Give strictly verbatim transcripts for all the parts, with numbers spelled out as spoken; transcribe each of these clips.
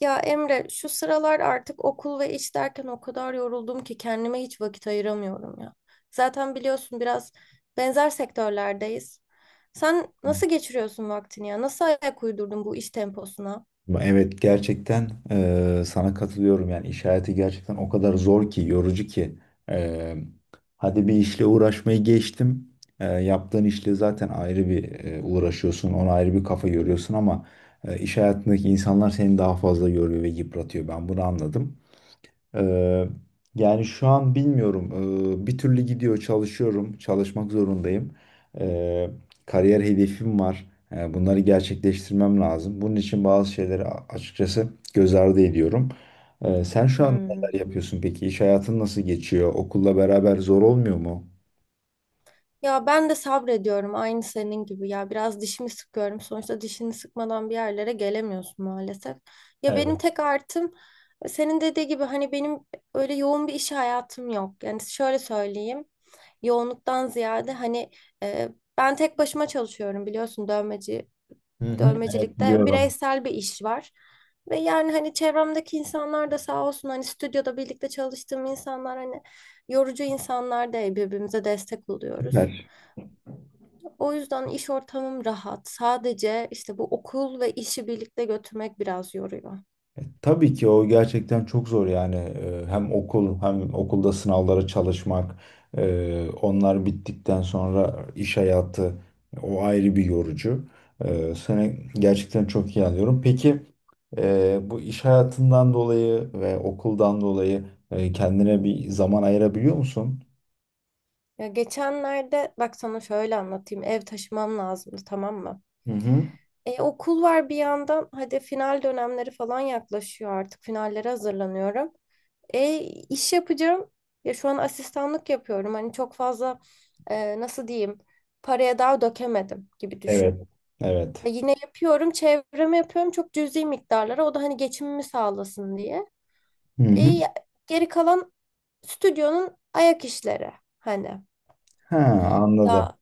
Ya Emre, şu sıralar artık okul ve iş derken o kadar yoruldum ki kendime hiç vakit ayıramıyorum ya. Zaten biliyorsun biraz benzer sektörlerdeyiz. Sen nasıl geçiriyorsun vaktini ya? Nasıl ayak uydurdun bu iş temposuna? Evet, gerçekten eee, sana katılıyorum yani iş hayatı gerçekten o kadar zor ki, yorucu ki. Eee, hadi bir işle uğraşmayı geçtim. Eee, yaptığın işle zaten ayrı bir eee, uğraşıyorsun, ona ayrı bir kafa yoruyorsun ama eee, iş hayatındaki insanlar seni daha fazla yoruyor ve yıpratıyor, ben bunu anladım. Ee, yani şu an bilmiyorum. Ee, bir türlü gidiyor, çalışıyorum, çalışmak zorundayım. Ee, kariyer hedefim var. Ee, bunları gerçekleştirmem lazım. Bunun için bazı şeyleri a- açıkçası göz ardı ediyorum. Ee, sen şu an neler Hmm. yapıyorsun peki? İş hayatın nasıl geçiyor? Okulla beraber zor olmuyor mu? Ya ben de sabrediyorum aynı senin gibi ya biraz dişimi sıkıyorum sonuçta dişini sıkmadan bir yerlere gelemiyorsun maalesef. Ya benim Evet. tek artım senin dediği gibi hani benim öyle yoğun bir iş hayatım yok. Yani şöyle söyleyeyim yoğunluktan ziyade hani e, ben tek başıma çalışıyorum biliyorsun dövmeci Hı hı. Evet, dövmecilikte biliyorum. bireysel bir iş var. Ve yani hani çevremdeki insanlar da sağ olsun hani stüdyoda birlikte çalıştığım insanlar hani yorucu insanlar değil birbirimize destek oluyoruz. Süper. O yüzden iş ortamım rahat. Sadece işte bu okul ve işi birlikte götürmek biraz yoruyor. Tabii ki, o gerçekten çok zor yani. Ee, hem okul, hem okulda sınavlara çalışmak, ee, onlar bittikten sonra iş hayatı, o ayrı bir yorucu. Ee, Seni gerçekten çok iyi anlıyorum. Peki, ee, bu iş hayatından dolayı ve okuldan dolayı, e, kendine bir zaman ayırabiliyor musun? Ya geçenlerde bak sana şöyle anlatayım. Ev taşımam lazımdı, tamam mı? Hı hı. E, okul var bir yandan. Hadi final dönemleri falan yaklaşıyor artık. Finallere hazırlanıyorum. E, iş yapacağım. Ya şu an asistanlık yapıyorum. Hani çok fazla e, nasıl diyeyim paraya daha dökemedim gibi Evet. düşün. E, Evet. Yine yapıyorum, çevreme yapıyorum çok cüzi miktarlara. O da hani geçimimi sağlasın diye. Hı E, hı. ya- Geri kalan stüdyonun ayak işleri hani. Ha, anladım. Ya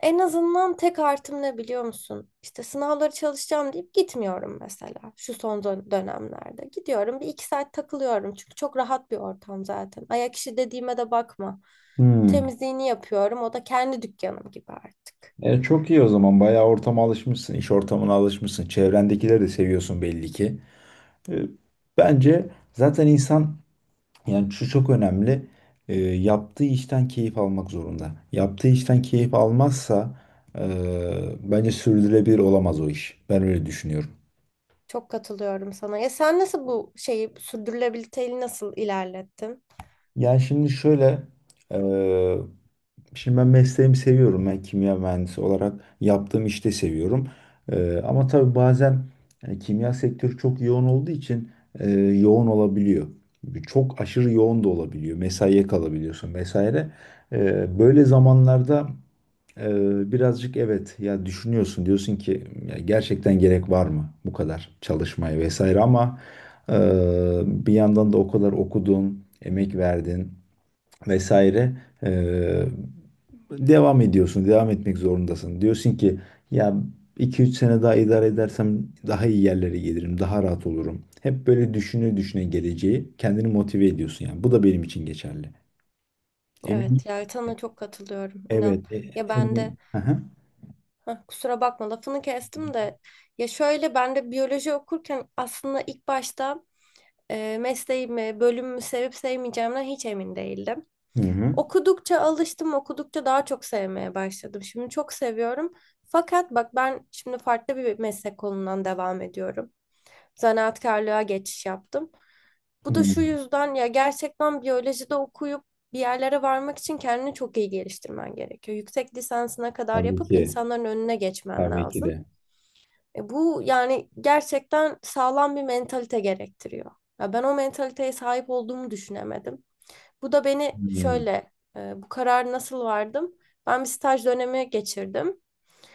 en azından tek artım ne biliyor musun? İşte sınavları çalışacağım deyip gitmiyorum mesela şu son dön- dönemlerde. Gidiyorum bir iki saat takılıyorum çünkü çok rahat bir ortam zaten. Ayak işi dediğime de bakma. Hı. Temizliğini yapıyorum, o da kendi dükkanım gibi artık. E, çok iyi o zaman. Bayağı ortama alışmışsın, iş ortamına alışmışsın. Çevrendekileri de seviyorsun belli ki. E, bence zaten insan, yani şu çok önemli. E, yaptığı işten keyif almak zorunda. Yaptığı işten keyif almazsa, e, bence sürdürülebilir olamaz o iş. Ben öyle düşünüyorum. Çok katılıyorum sana. Ya sen nasıl bu şeyi, sürdürülebilirliği nasıl ilerlettin? Yani şimdi şöyle. e, Şimdi ben mesleğimi seviyorum. Ben kimya mühendisi olarak yaptığım işte seviyorum. Ee, ama tabii bazen e, kimya sektörü çok yoğun olduğu için e, yoğun olabiliyor. Çok aşırı yoğun da olabiliyor. Mesaiye kalabiliyorsun vesaire. Ee, böyle zamanlarda e, birazcık, evet ya, düşünüyorsun. Diyorsun ki: "Ya, gerçekten gerek var mı bu kadar çalışmaya vesaire? Ama e, bir yandan da o kadar okudun, emek verdin vesaire, eee, devam ediyorsun, devam etmek zorundasın. Diyorsun ki ya, iki üç sene daha idare edersem daha iyi yerlere gelirim, daha rahat olurum." Hep böyle düşüne düşüne geleceği kendini motive ediyorsun yani. Bu da benim için geçerli. Emin, Evet ya, sana çok katılıyorum inan. evet, e- Ya ben de emin. Hı hı. Heh, kusura bakma lafını kestim de ya şöyle ben de biyoloji okurken aslında ilk başta e, mesleğimi, bölümümü sevip sevmeyeceğimden hiç emin değildim. Hı hı. Okudukça alıştım, okudukça daha çok sevmeye başladım. Şimdi çok seviyorum. Fakat bak, ben şimdi farklı bir meslek kolundan devam ediyorum. Zanaatkarlığa geçiş yaptım. Bu da Hı. şu yüzden, ya gerçekten biyolojide okuyup bir yerlere varmak için kendini çok iyi geliştirmen gerekiyor. Yüksek lisansına kadar Tabii yapıp ki, insanların önüne geçmen tabii ki lazım. de. E, bu yani gerçekten sağlam bir mentalite gerektiriyor. Ya ben o mentaliteye sahip olduğumu düşünemedim. Bu da beni Hı. şöyle e, bu karar nasıl vardım? Ben bir staj dönemi geçirdim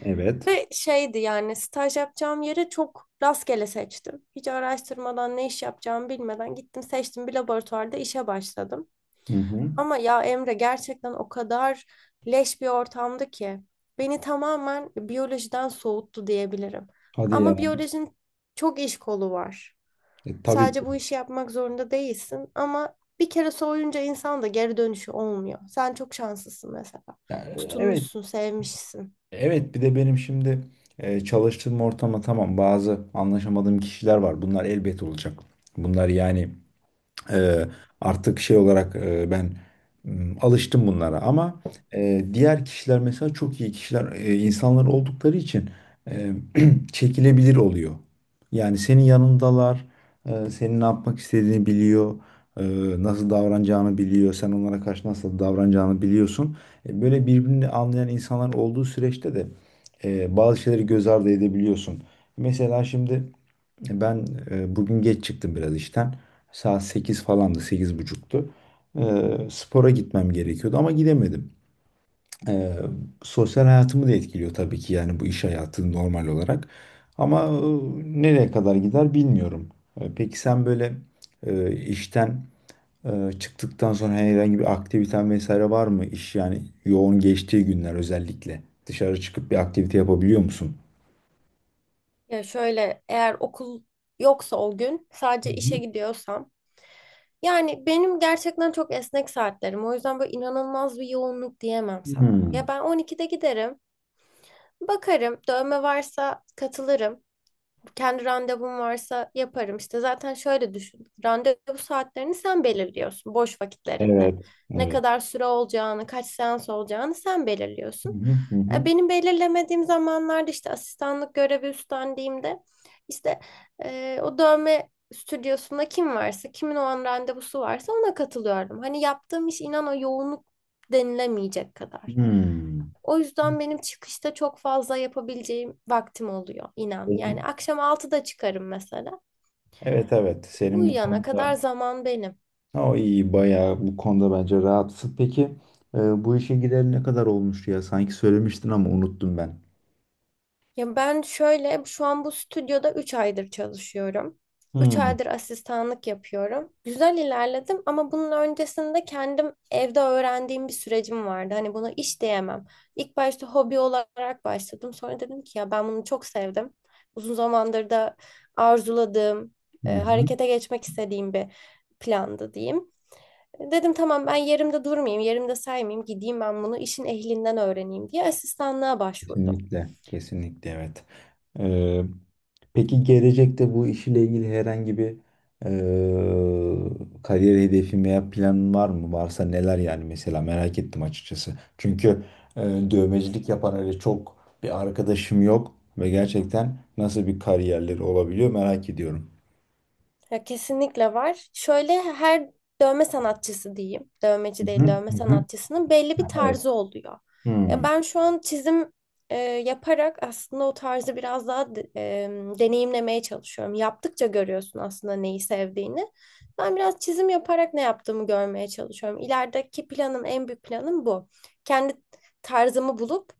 Evet. ve şeydi, yani staj yapacağım yeri çok rastgele seçtim. Hiç araştırmadan, ne iş yapacağımı bilmeden gittim, seçtim, bir laboratuvarda işe başladım. Hı hı. Ama ya Emre, gerçekten o kadar leş bir ortamdı ki beni tamamen biyolojiden soğuttu diyebilirim. Hadi Ama ya. biyolojinin çok iş kolu var. E, tabii Sadece ki. bu işi yapmak zorunda değilsin ama bir kere soğuyunca insan da geri dönüşü olmuyor. Sen çok şanslısın mesela. Ya, evet. Tutunmuşsun, sevmişsin. Evet, bir de benim şimdi e, çalıştığım ortama, tamam, bazı anlaşamadığım kişiler var. Bunlar elbet olacak. Bunlar yani, ee, artık şey olarak e, ben, m, alıştım bunlara ama e, diğer kişiler mesela çok iyi kişiler, e, insanlar oldukları için, e, çekilebilir oluyor. Yani senin yanındalar, e, senin ne yapmak istediğini biliyor, e, nasıl davranacağını biliyor, sen onlara karşı nasıl davranacağını biliyorsun. E, böyle birbirini anlayan insanlar olduğu süreçte de e, bazı şeyleri göz ardı edebiliyorsun. Mesela şimdi. Ben e, bugün geç çıktım biraz işten. Saat sekiz falandı, sekiz buçuktu. E, spora gitmem gerekiyordu ama gidemedim. E, sosyal hayatımı da etkiliyor tabii ki, yani bu iş hayatı normal olarak. Ama e, nereye kadar gider, bilmiyorum. E, peki, sen böyle e, işten e, çıktıktan sonra herhangi bir aktiviten vesaire var mı? İş yani yoğun geçtiği günler özellikle. Dışarı çıkıp bir aktivite yapabiliyor musun? Ya şöyle, eğer okul yoksa, o gün Hı sadece işe hı. gidiyorsam, yani benim gerçekten çok esnek saatlerim. O yüzden böyle inanılmaz bir yoğunluk diyemem sana. Ya Hmm, ben on ikide giderim, bakarım, dövme varsa katılırım, kendi randevum varsa yaparım. İşte zaten şöyle düşün. Randevu saatlerini sen belirliyorsun boş vakitlerinde. evet, Ne evet. kadar süre olacağını, kaç seans olacağını sen Hı belirliyorsun. hı, hı hı. E, Benim belirlemediğim zamanlarda, işte asistanlık görevi üstlendiğimde, işte e, o dövme stüdyosunda kim varsa, kimin o an randevusu varsa ona katılıyorum. Hani yaptığım iş inan o yoğunluk denilemeyecek kadar. Hmm. O yüzden benim çıkışta çok fazla yapabileceğim vaktim oluyor inan. Yani Senin- akşam altıda çıkarım mesela. Evet, evet, senin bu Uyuyana konuda, kadar zaman benim. o iyi, bayağı bu konuda bence rahatsın. Peki, e, bu işe gideli ne kadar olmuştu ya? Sanki söylemiştin ama unuttum ben. Ya ben şöyle, şu an bu stüdyoda üç aydır çalışıyorum. üç Hmm. aydır asistanlık yapıyorum. Güzel ilerledim ama bunun öncesinde kendim evde öğrendiğim bir sürecim vardı. Hani buna iş diyemem. İlk başta hobi olarak başladım. Sonra dedim ki ya ben bunu çok sevdim. Uzun zamandır da arzuladığım, Hı e, hı. harekete geçmek istediğim bir plandı diyeyim. E, Dedim tamam, ben yerimde durmayayım, yerimde saymayayım, gideyim ben bunu işin ehlinden öğreneyim diye asistanlığa başvurdum. Kesinlikle, kesinlikle, evet. Ee, peki, gelecekte bu işle ilgili herhangi bir e, kariyer hedefi veya planın var mı? Varsa neler yani, mesela merak ettim açıkçası. Çünkü e, dövmecilik yapan öyle çok bir arkadaşım yok ve gerçekten nasıl bir kariyerleri olabiliyor, merak ediyorum. Ya kesinlikle var. Şöyle, her dövme sanatçısı diyeyim. Hı Dövmeci değil, hı, dövme hı hı. sanatçısının belli bir Evet. tarzı oluyor. Ya Hmm. ben şu an çizim e, yaparak aslında o tarzı biraz daha de- e, deneyimlemeye çalışıyorum. Yaptıkça görüyorsun aslında neyi sevdiğini. Ben biraz çizim yaparak ne yaptığımı görmeye çalışıyorum. İlerideki planım, en büyük planım bu. Kendi tarzımı bulup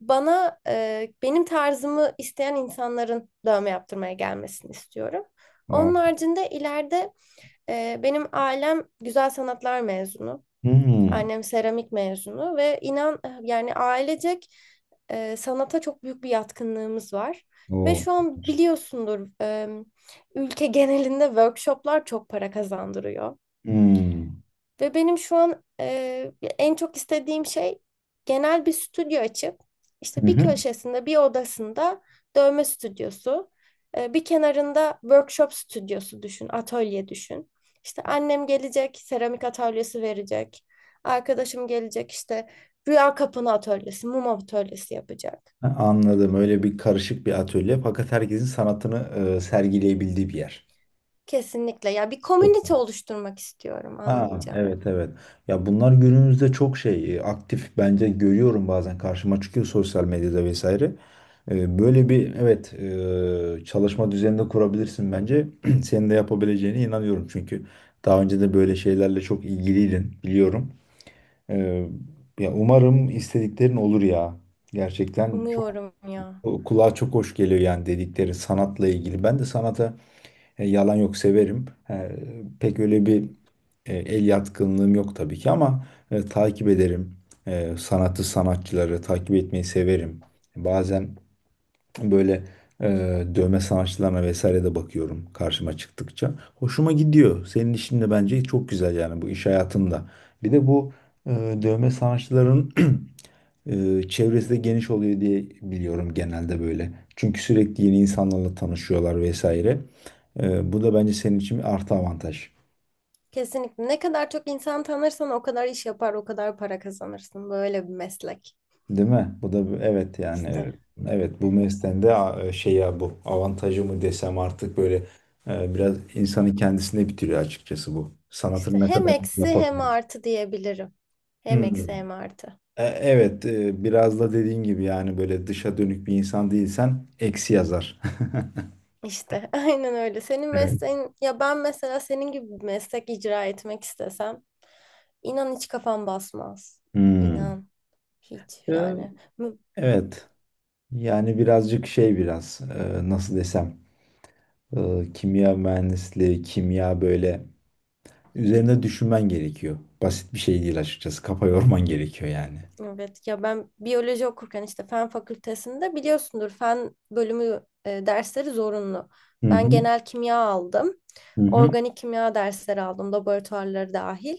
bana, e, benim tarzımı isteyen insanların dövme yaptırmaya gelmesini istiyorum. Onun Vay. haricinde ileride e, benim ailem güzel sanatlar mezunu. Hmm. Annem seramik mezunu ve inan e, yani ailecek e, sanata çok büyük bir yatkınlığımız var. Ve Oo. şu an biliyorsundur e, ülke genelinde workshoplar çok para kazandırıyor. Hmm. Ve benim şu an e, en çok istediğim şey genel bir stüdyo açıp Hı işte bir hı. köşesinde, bir odasında dövme stüdyosu, e, bir kenarında workshop stüdyosu düşün, atölye düşün. İşte annem gelecek, seramik atölyesi verecek. Arkadaşım gelecek, işte rüya kapını atölyesi, mum atölyesi yapacak. Anladım. Öyle bir karışık bir atölye, fakat herkesin sanatını e, sergileyebildiği bir yer. Kesinlikle. Ya bir Çok. komünite oluşturmak istiyorum, Ha, anlayacağım. evet, evet. Ya bunlar günümüzde çok şey, e, aktif bence, görüyorum bazen karşıma çıkıyor sosyal medyada vesaire. E, Böyle bir, evet, e, çalışma düzeninde kurabilirsin bence. Senin de yapabileceğine inanıyorum çünkü daha önce de böyle şeylerle çok ilgiliydin, biliyorum. E, Ya umarım istediklerin olur ya. Gerçekten çok Umuyorum ya. kulağa çok hoş geliyor, yani dedikleri sanatla ilgili. Ben de sanata, e, yalan yok, severim. E, pek öyle bir e, el yatkınlığım yok tabii ki, ama e, takip ederim. E, sanatı, sanatçıları takip etmeyi severim. Bazen, böyle e, dövme sanatçılarına vesaire de bakıyorum karşıma çıktıkça. Hoşuma gidiyor. Senin işin de bence çok güzel, yani bu iş hayatında. Bir de bu e, dövme sanatçıların e, çevresi de geniş oluyor diye biliyorum, genelde böyle. Çünkü sürekli yeni insanlarla tanışıyorlar vesaire. E, bu da bence senin için bir artı avantaj. Kesinlikle. Ne kadar çok insan tanırsan o kadar iş yapar, o kadar para kazanırsın. Böyle bir meslek. Değil mi? Bu da bir- evet yani. İşte, Evet, evet, bu mesleğin de a- e, şey ya, bu avantajı mı desem artık, böyle e, biraz insanın kendisine bitiriyor açıkçası bu. işte Sanatın ne hem kadar eksi hem yapabilir. artı diyebilirim. Hem Hmm. eksi hem artı. E, evet, e, biraz da dediğin gibi yani böyle dışa dönük bir insan değilsen eksi yazar. İşte aynen öyle. Senin Evet. mesleğin, ya ben mesela senin gibi bir meslek icra etmek istesem inan hiç kafam basmaz. Hmm. İnan hiç E, yani. Mü- evet yani birazcık şey, biraz, e, nasıl desem, e, kimya mühendisliği, kimya böyle, üzerinde düşünmen gerekiyor. Basit bir şey değil açıkçası. Kafa yorman gerekiyor yani. Evet ya, ben biyoloji okurken işte fen fakültesinde biliyorsundur, fen bölümü e, dersleri zorunlu. Hı Ben hı. genel kimya aldım. Hı hı. Organik kimya dersleri aldım, laboratuvarları dahil.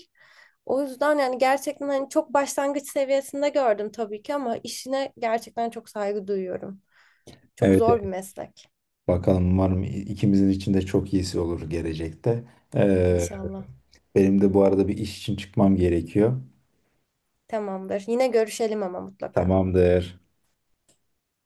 O yüzden yani gerçekten hani çok başlangıç seviyesinde gördüm tabii ki ama işine gerçekten çok saygı duyuyorum. Çok Evet, zor bir evet. meslek. Bakalım, umarım ikimizin için de çok iyisi olur gelecekte. Ee, İnşallah. benim de bu arada bir iş için çıkmam gerekiyor. Tamamdır. Yine görüşelim ama mutlaka. Tamamdır.